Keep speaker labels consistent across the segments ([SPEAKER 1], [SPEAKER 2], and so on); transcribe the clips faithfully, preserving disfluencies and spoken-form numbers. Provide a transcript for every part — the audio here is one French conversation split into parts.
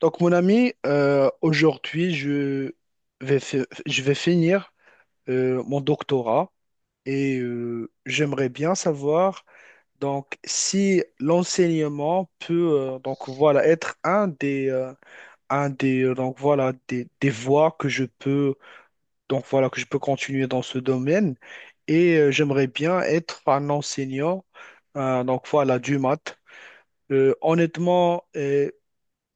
[SPEAKER 1] Donc, mon ami, euh, aujourd'hui, je vais, fi- je vais finir euh, mon doctorat et euh, j'aimerais bien savoir donc si l'enseignement peut euh, donc voilà être un des euh, un des euh, donc voilà des, des voies que je peux donc voilà que je peux continuer dans ce domaine et euh, j'aimerais bien être un enseignant euh, donc voilà du maths. Euh, honnêtement, euh,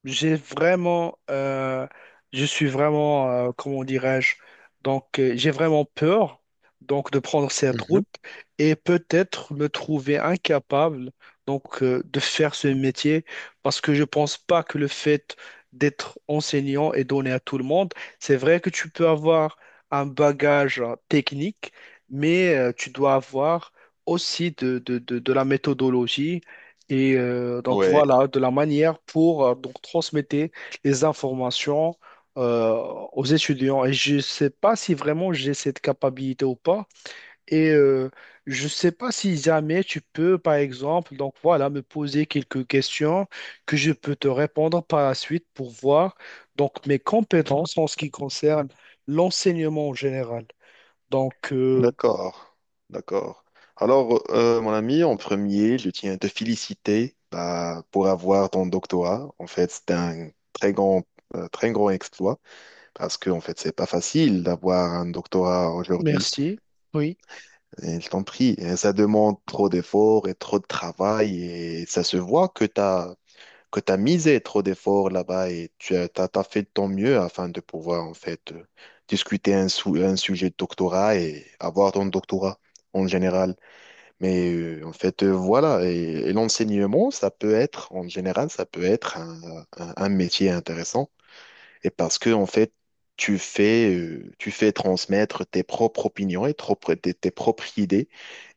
[SPEAKER 1] j'ai vraiment, euh, je suis vraiment, euh, comment dirais-je, donc euh, j'ai vraiment peur donc de prendre cette
[SPEAKER 2] Mhm.
[SPEAKER 1] route et peut-être me trouver incapable donc euh, de faire ce métier parce que je pense pas que le fait d'être enseignant est donné à tout le monde. C'est vrai que tu peux avoir un bagage euh, technique, mais euh, tu dois avoir aussi de, de de- de la méthodologie et euh, donc
[SPEAKER 2] Ouais,
[SPEAKER 1] voilà, de la manière pour euh, donc transmettre les informations euh, aux étudiants. Et je ne sais pas si vraiment j'ai cette capacité ou pas. Et euh, je ne sais pas si jamais tu peux, par exemple, donc voilà, me poser quelques questions que je peux te répondre par la suite pour voir donc mes compétences en ce qui concerne l'enseignement en général. Donc euh,
[SPEAKER 2] d'accord, d'accord. Alors, euh, mon ami, en premier, je tiens à te féliciter bah, pour avoir ton doctorat. En fait, c'est un très grand, euh, très grand exploit parce que en fait, c'est pas facile d'avoir un doctorat aujourd'hui.
[SPEAKER 1] merci. Oui,
[SPEAKER 2] Et je t'en prie. Et ça demande trop d'efforts et trop de travail et ça se voit que tu as que tu as misé trop d'efforts là-bas et tu as, t'as- t'as fait de ton mieux afin de pouvoir en fait euh, discuter un, sou- un sujet de doctorat et avoir ton doctorat en général. Mais euh, en fait, euh, voilà, et, et l'enseignement, ça peut être, en général, ça peut être un, un- un métier intéressant. Et parce que en fait, tu fais, euh, tu fais transmettre tes propres opinions et trop- tes tes propres idées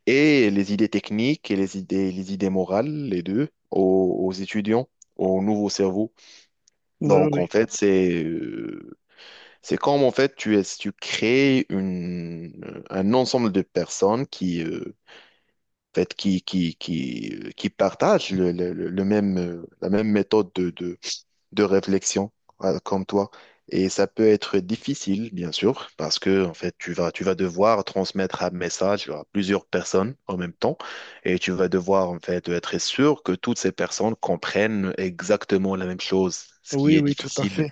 [SPEAKER 2] et les idées techniques et les idées, les idées morales, les deux, aux, aux étudiants, aux nouveaux cerveaux.
[SPEAKER 1] oui,
[SPEAKER 2] Donc, en
[SPEAKER 1] oui,
[SPEAKER 2] fait, c'est euh, c'est comme en fait tu es tu crées une un ensemble de personnes qui euh, en fait qui qui qui euh, qui partagent le, le, le le même euh, la même méthode de de de réflexion euh, comme toi. Et ça peut être difficile, bien sûr, parce que en fait tu vas tu vas devoir transmettre un message à plusieurs personnes en même temps, et tu vas devoir en fait être sûr que toutes ces personnes comprennent exactement la même chose, ce qui
[SPEAKER 1] oui,
[SPEAKER 2] est
[SPEAKER 1] oui, tout à
[SPEAKER 2] difficile.
[SPEAKER 1] fait.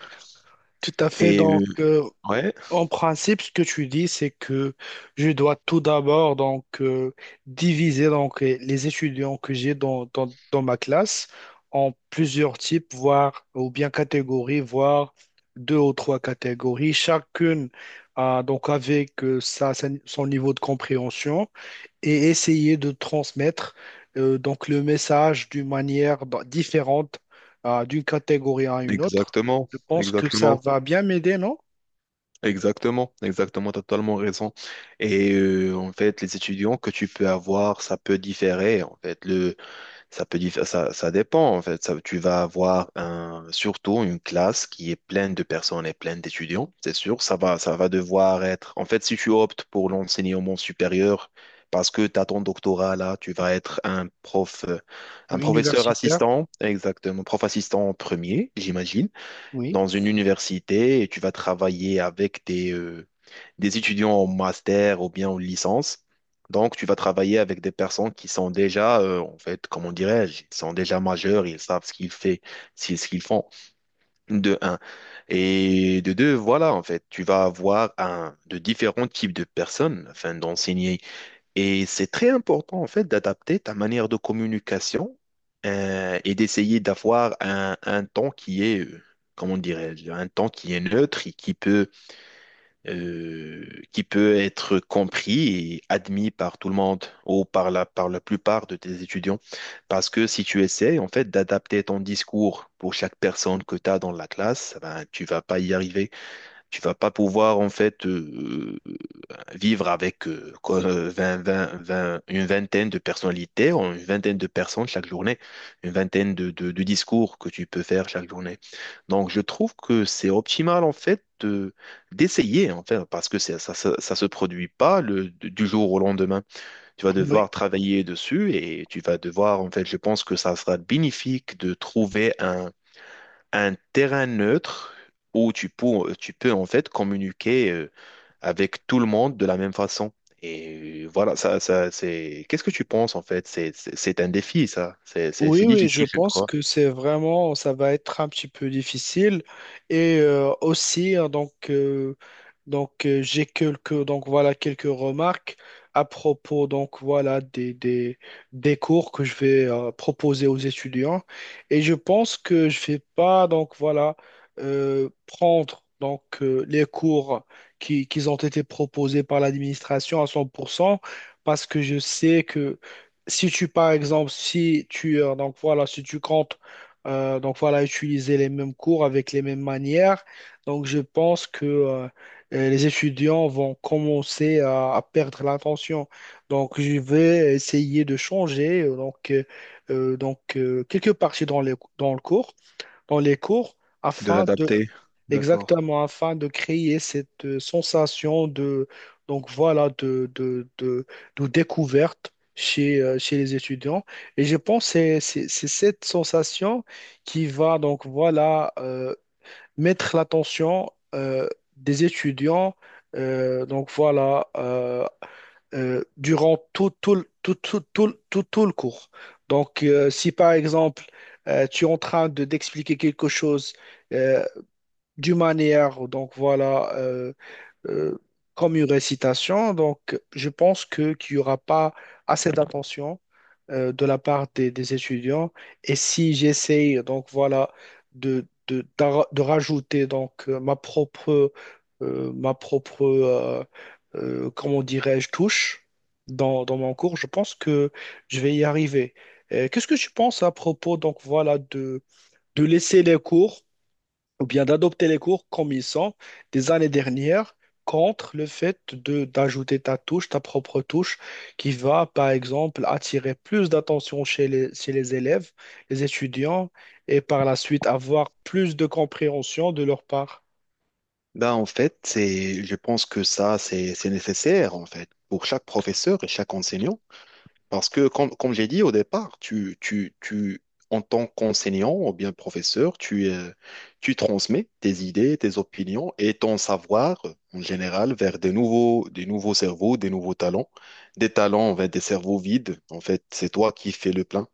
[SPEAKER 1] Tout à fait.
[SPEAKER 2] Et
[SPEAKER 1] Donc,
[SPEAKER 2] euh,
[SPEAKER 1] euh,
[SPEAKER 2] Ouais,
[SPEAKER 1] en principe, ce que tu dis, c'est que je dois tout d'abord donc euh, diviser donc euh, les étudiants que j'ai dans, dans, dans ma classe en plusieurs types, voire ou bien catégories, voire deux ou trois catégories, chacune euh, donc avec euh, sa- sa- son niveau de compréhension et essayer de transmettre euh, donc le message d'une manière d- différente euh, d'une catégorie à une autre.
[SPEAKER 2] exactement,
[SPEAKER 1] Je pense que ça
[SPEAKER 2] exactement,
[SPEAKER 1] va bien m'aider, non?
[SPEAKER 2] exactement, exactement, t'as totalement raison. Et euh, en fait, les étudiants que tu peux avoir, ça peut différer. En fait, le, ça peut diffé- ça, ça dépend. En fait, ça, tu vas avoir un, surtout une classe qui est pleine de personnes et pleine d'étudiants. C'est sûr, ça va, ça va devoir être. En fait, si tu optes pour l'enseignement supérieur, parce que tu as ton doctorat là, tu vas être un prof, euh, un professeur
[SPEAKER 1] Universitaire.
[SPEAKER 2] assistant, exactement, prof assistant en premier, j'imagine.
[SPEAKER 1] Oui,
[SPEAKER 2] Dans une université et tu vas travailler avec des, euh, des étudiants en master ou bien en licence. Donc, tu vas travailler avec des personnes qui sont déjà, euh, en fait, comment dirais-je, ils sont déjà majeurs, ils savent ce qu'ils fait, c'est ce qu'ils font, de un. Et de deux, voilà, en fait, tu vas avoir un, de différents types de personnes afin d'enseigner et c'est très important, en fait, d'adapter ta manière de communication euh, et d'essayer d'avoir un, un ton qui est, euh, comment dirais-je, un ton qui est neutre et qui peut, euh, qui peut être compris et admis par tout le monde ou par la, par la plupart de tes étudiants. Parce que si tu essaies, en fait, d'adapter ton discours pour chaque personne que tu as dans la classe, ben, tu vas pas y arriver. Tu vas pas pouvoir en fait euh, euh, vivre avec euh, quoi, euh, vingt, vingt, vingt, une vingtaine de personnalités, ou une vingtaine de personnes chaque journée, une vingtaine de, de- de discours que tu peux faire chaque journée. Donc je trouve que c'est optimal en fait de- d'essayer en fait, parce que c'est- ça, ça, ça se produit pas le- du jour au lendemain. Tu vas
[SPEAKER 1] oui,
[SPEAKER 2] devoir travailler dessus et tu vas devoir en fait, je pense que ça sera bénéfique de trouver un terrain neutre où tu peux, tu peux en fait communiquer euh, avec tout le monde de la même façon. Et euh, voilà, ça, ça, c'est. Qu'est-ce que tu penses en fait? C'est, c'est c'est un défi, ça. C'est, c'est,
[SPEAKER 1] oui,
[SPEAKER 2] c'est
[SPEAKER 1] oui, je
[SPEAKER 2] difficile, je
[SPEAKER 1] pense
[SPEAKER 2] crois.
[SPEAKER 1] que c'est vraiment, ça va être un petit peu difficile. Et euh, aussi, hein, donc, euh, donc euh, j'ai quelques, donc voilà, quelques remarques à propos, donc voilà, des, des, des cours que je vais euh, proposer aux étudiants. Et je pense que je vais pas, donc voilà, euh, prendre donc euh, les cours qui, qui ont été proposés par l'administration à cent pour cent. Parce que je sais que si tu, par exemple, si tu, euh, donc voilà, si tu comptes, euh, donc voilà, utiliser les mêmes cours avec les mêmes manières, donc je pense que euh, euh, les étudiants vont commencer à, à perdre l'attention. Donc je vais essayer de changer, euh, donc, euh, euh, donc euh, quelques parties dans les- dans le cours, dans les cours,
[SPEAKER 2] De
[SPEAKER 1] afin de
[SPEAKER 2] l'adapter. D'accord.
[SPEAKER 1] exactement, afin de créer cette euh, sensation de, donc voilà, de, de, de, de découverte chez, euh, chez les étudiants. Et je pense que c'est c'est- c'est cette sensation qui va, donc voilà, euh, mettre l'attention euh, des étudiants, euh, donc voilà, euh, euh, durant tout, tout, le- tout, tout, tout, le tout- tout le cours. Donc, euh, si par exemple, euh, tu es en train de, d'expliquer quelque chose, euh, d'une manière, donc voilà, euh, euh, comme une récitation. Donc, je pense que qu'il n'y aura pas assez d'attention euh, de la part des, des étudiants. Et si j'essaye, donc voilà, de, de, d'ar- de rajouter donc euh, ma propre, euh, ma propre, euh, euh, comment dirais-je, touche dans, dans mon cours, je pense que je vais y arriver. Euh, Qu'est-ce que tu penses à propos, donc voilà, de, de laisser les cours? Ou bien d'adopter les cours comme ils sont des années dernières contre le fait de d'ajouter ta touche, ta propre touche, qui va, par exemple, attirer plus d'attention chez les, chez les élèves, les étudiants, et par la suite avoir plus de compréhension de leur part.
[SPEAKER 2] Là, en fait, c'est, je pense que ça, c'est, c'est nécessaire, en fait, pour chaque professeur et chaque enseignant. Parce que, comme, comme j'ai dit au départ, tu, tu, tu, en tant qu'enseignant ou bien professeur, tu, euh, tu transmets tes idées, tes opinions et ton savoir en général vers des nouveaux, des nouveaux cerveaux, des nouveaux talents, des talents vers des cerveaux vides. En fait, c'est toi qui fais le plein.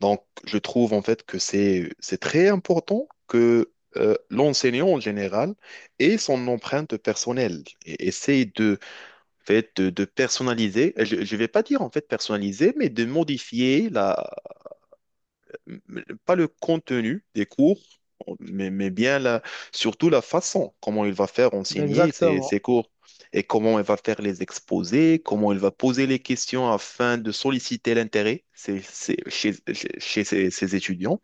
[SPEAKER 2] Donc, je trouve en fait que c'est, c'est très important que euh, l'enseignant en général ait son empreinte personnelle et essaye de fait, de, de personnaliser, je ne vais pas dire en fait personnaliser, mais de modifier la, pas le contenu des cours, mais, mais bien la, surtout la façon, comment il va faire enseigner ses,
[SPEAKER 1] Exactement.
[SPEAKER 2] ses cours et comment il va faire les exposés, comment il va poser les questions afin de solliciter l'intérêt c'est- c'est- chez, chez, chez ses, ses étudiants.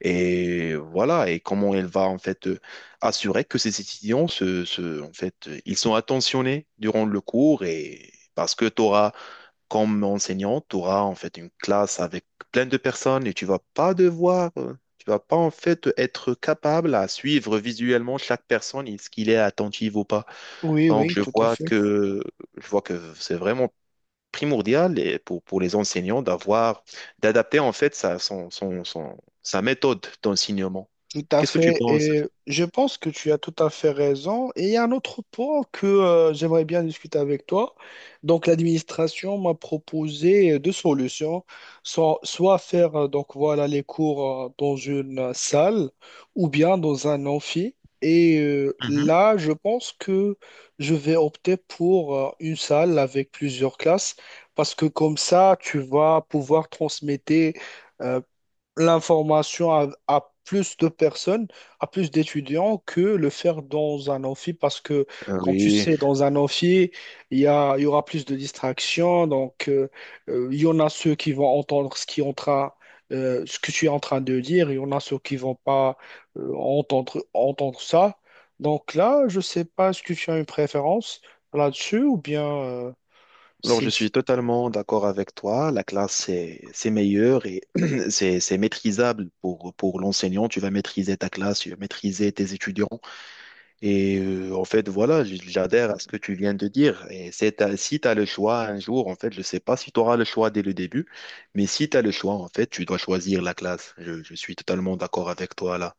[SPEAKER 2] Et voilà, et comment elle va en fait euh, assurer que ses étudiants se, se- en fait, euh, ils sont attentionnés durant le cours et parce que tu auras, comme enseignant, tu auras en fait une classe avec plein de personnes et tu vas pas devoir, euh, tu vas pas en fait être capable à suivre visuellement chaque personne, est-ce qu'il est attentif ou pas.
[SPEAKER 1] Oui,
[SPEAKER 2] Donc
[SPEAKER 1] oui,
[SPEAKER 2] je
[SPEAKER 1] tout à
[SPEAKER 2] vois
[SPEAKER 1] fait.
[SPEAKER 2] que je vois que c'est vraiment primordial et pour, pour les enseignants d'avoir, d'adapter en fait sa, son, son, son- sa méthode d'enseignement.
[SPEAKER 1] Tout à
[SPEAKER 2] Qu'est-ce que tu
[SPEAKER 1] fait,
[SPEAKER 2] penses?
[SPEAKER 1] et je pense que tu as tout à fait raison. Et il y a un autre point que euh, j'aimerais bien discuter avec toi. Donc, l'administration m'a proposé deux solutions, soit, soit faire euh, donc voilà les cours euh, dans une euh, salle ou bien dans un amphi. Et euh,
[SPEAKER 2] Mhm.
[SPEAKER 1] là, je pense que je vais opter pour euh, une salle avec plusieurs classes parce que comme ça, tu vas pouvoir transmettre euh, l'information à, à plus de personnes, à plus d'étudiants que le faire dans un amphi parce que,
[SPEAKER 2] Euh,
[SPEAKER 1] quand tu
[SPEAKER 2] oui,
[SPEAKER 1] sais, dans un amphi, il y a, il y aura plus de distractions. Donc, euh, euh, il y en a ceux qui vont entendre ce qui est en train, euh, ce que tu es en train de dire. Il y en a ceux qui vont pas euh, entendre, entendre ça. Donc là, je sais pas, est-ce que tu as une préférence là-dessus ou bien euh,
[SPEAKER 2] alors
[SPEAKER 1] c'est
[SPEAKER 2] je suis totalement d'accord avec toi. La classe, c'est c'est meilleur et c'est c'est maîtrisable pour, pour l'enseignant. Tu vas maîtriser ta classe, tu vas maîtriser tes étudiants. Et euh, en fait, voilà, j- j'adhère à ce que tu viens de dire. Et c'est ta- si tu as le choix un jour, en fait, je ne sais pas si tu auras le choix dès le début, mais si tu as le choix, en fait, tu dois choisir la classe. Je, je suis totalement d'accord avec toi là.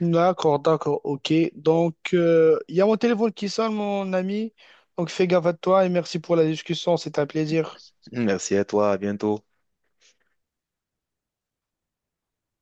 [SPEAKER 1] d'accord, d'accord, ok. Donc, euh, il y a mon téléphone qui sonne, mon ami. Donc, fais gaffe à toi et merci pour la discussion. C'était un plaisir.
[SPEAKER 2] Merci à toi, à bientôt.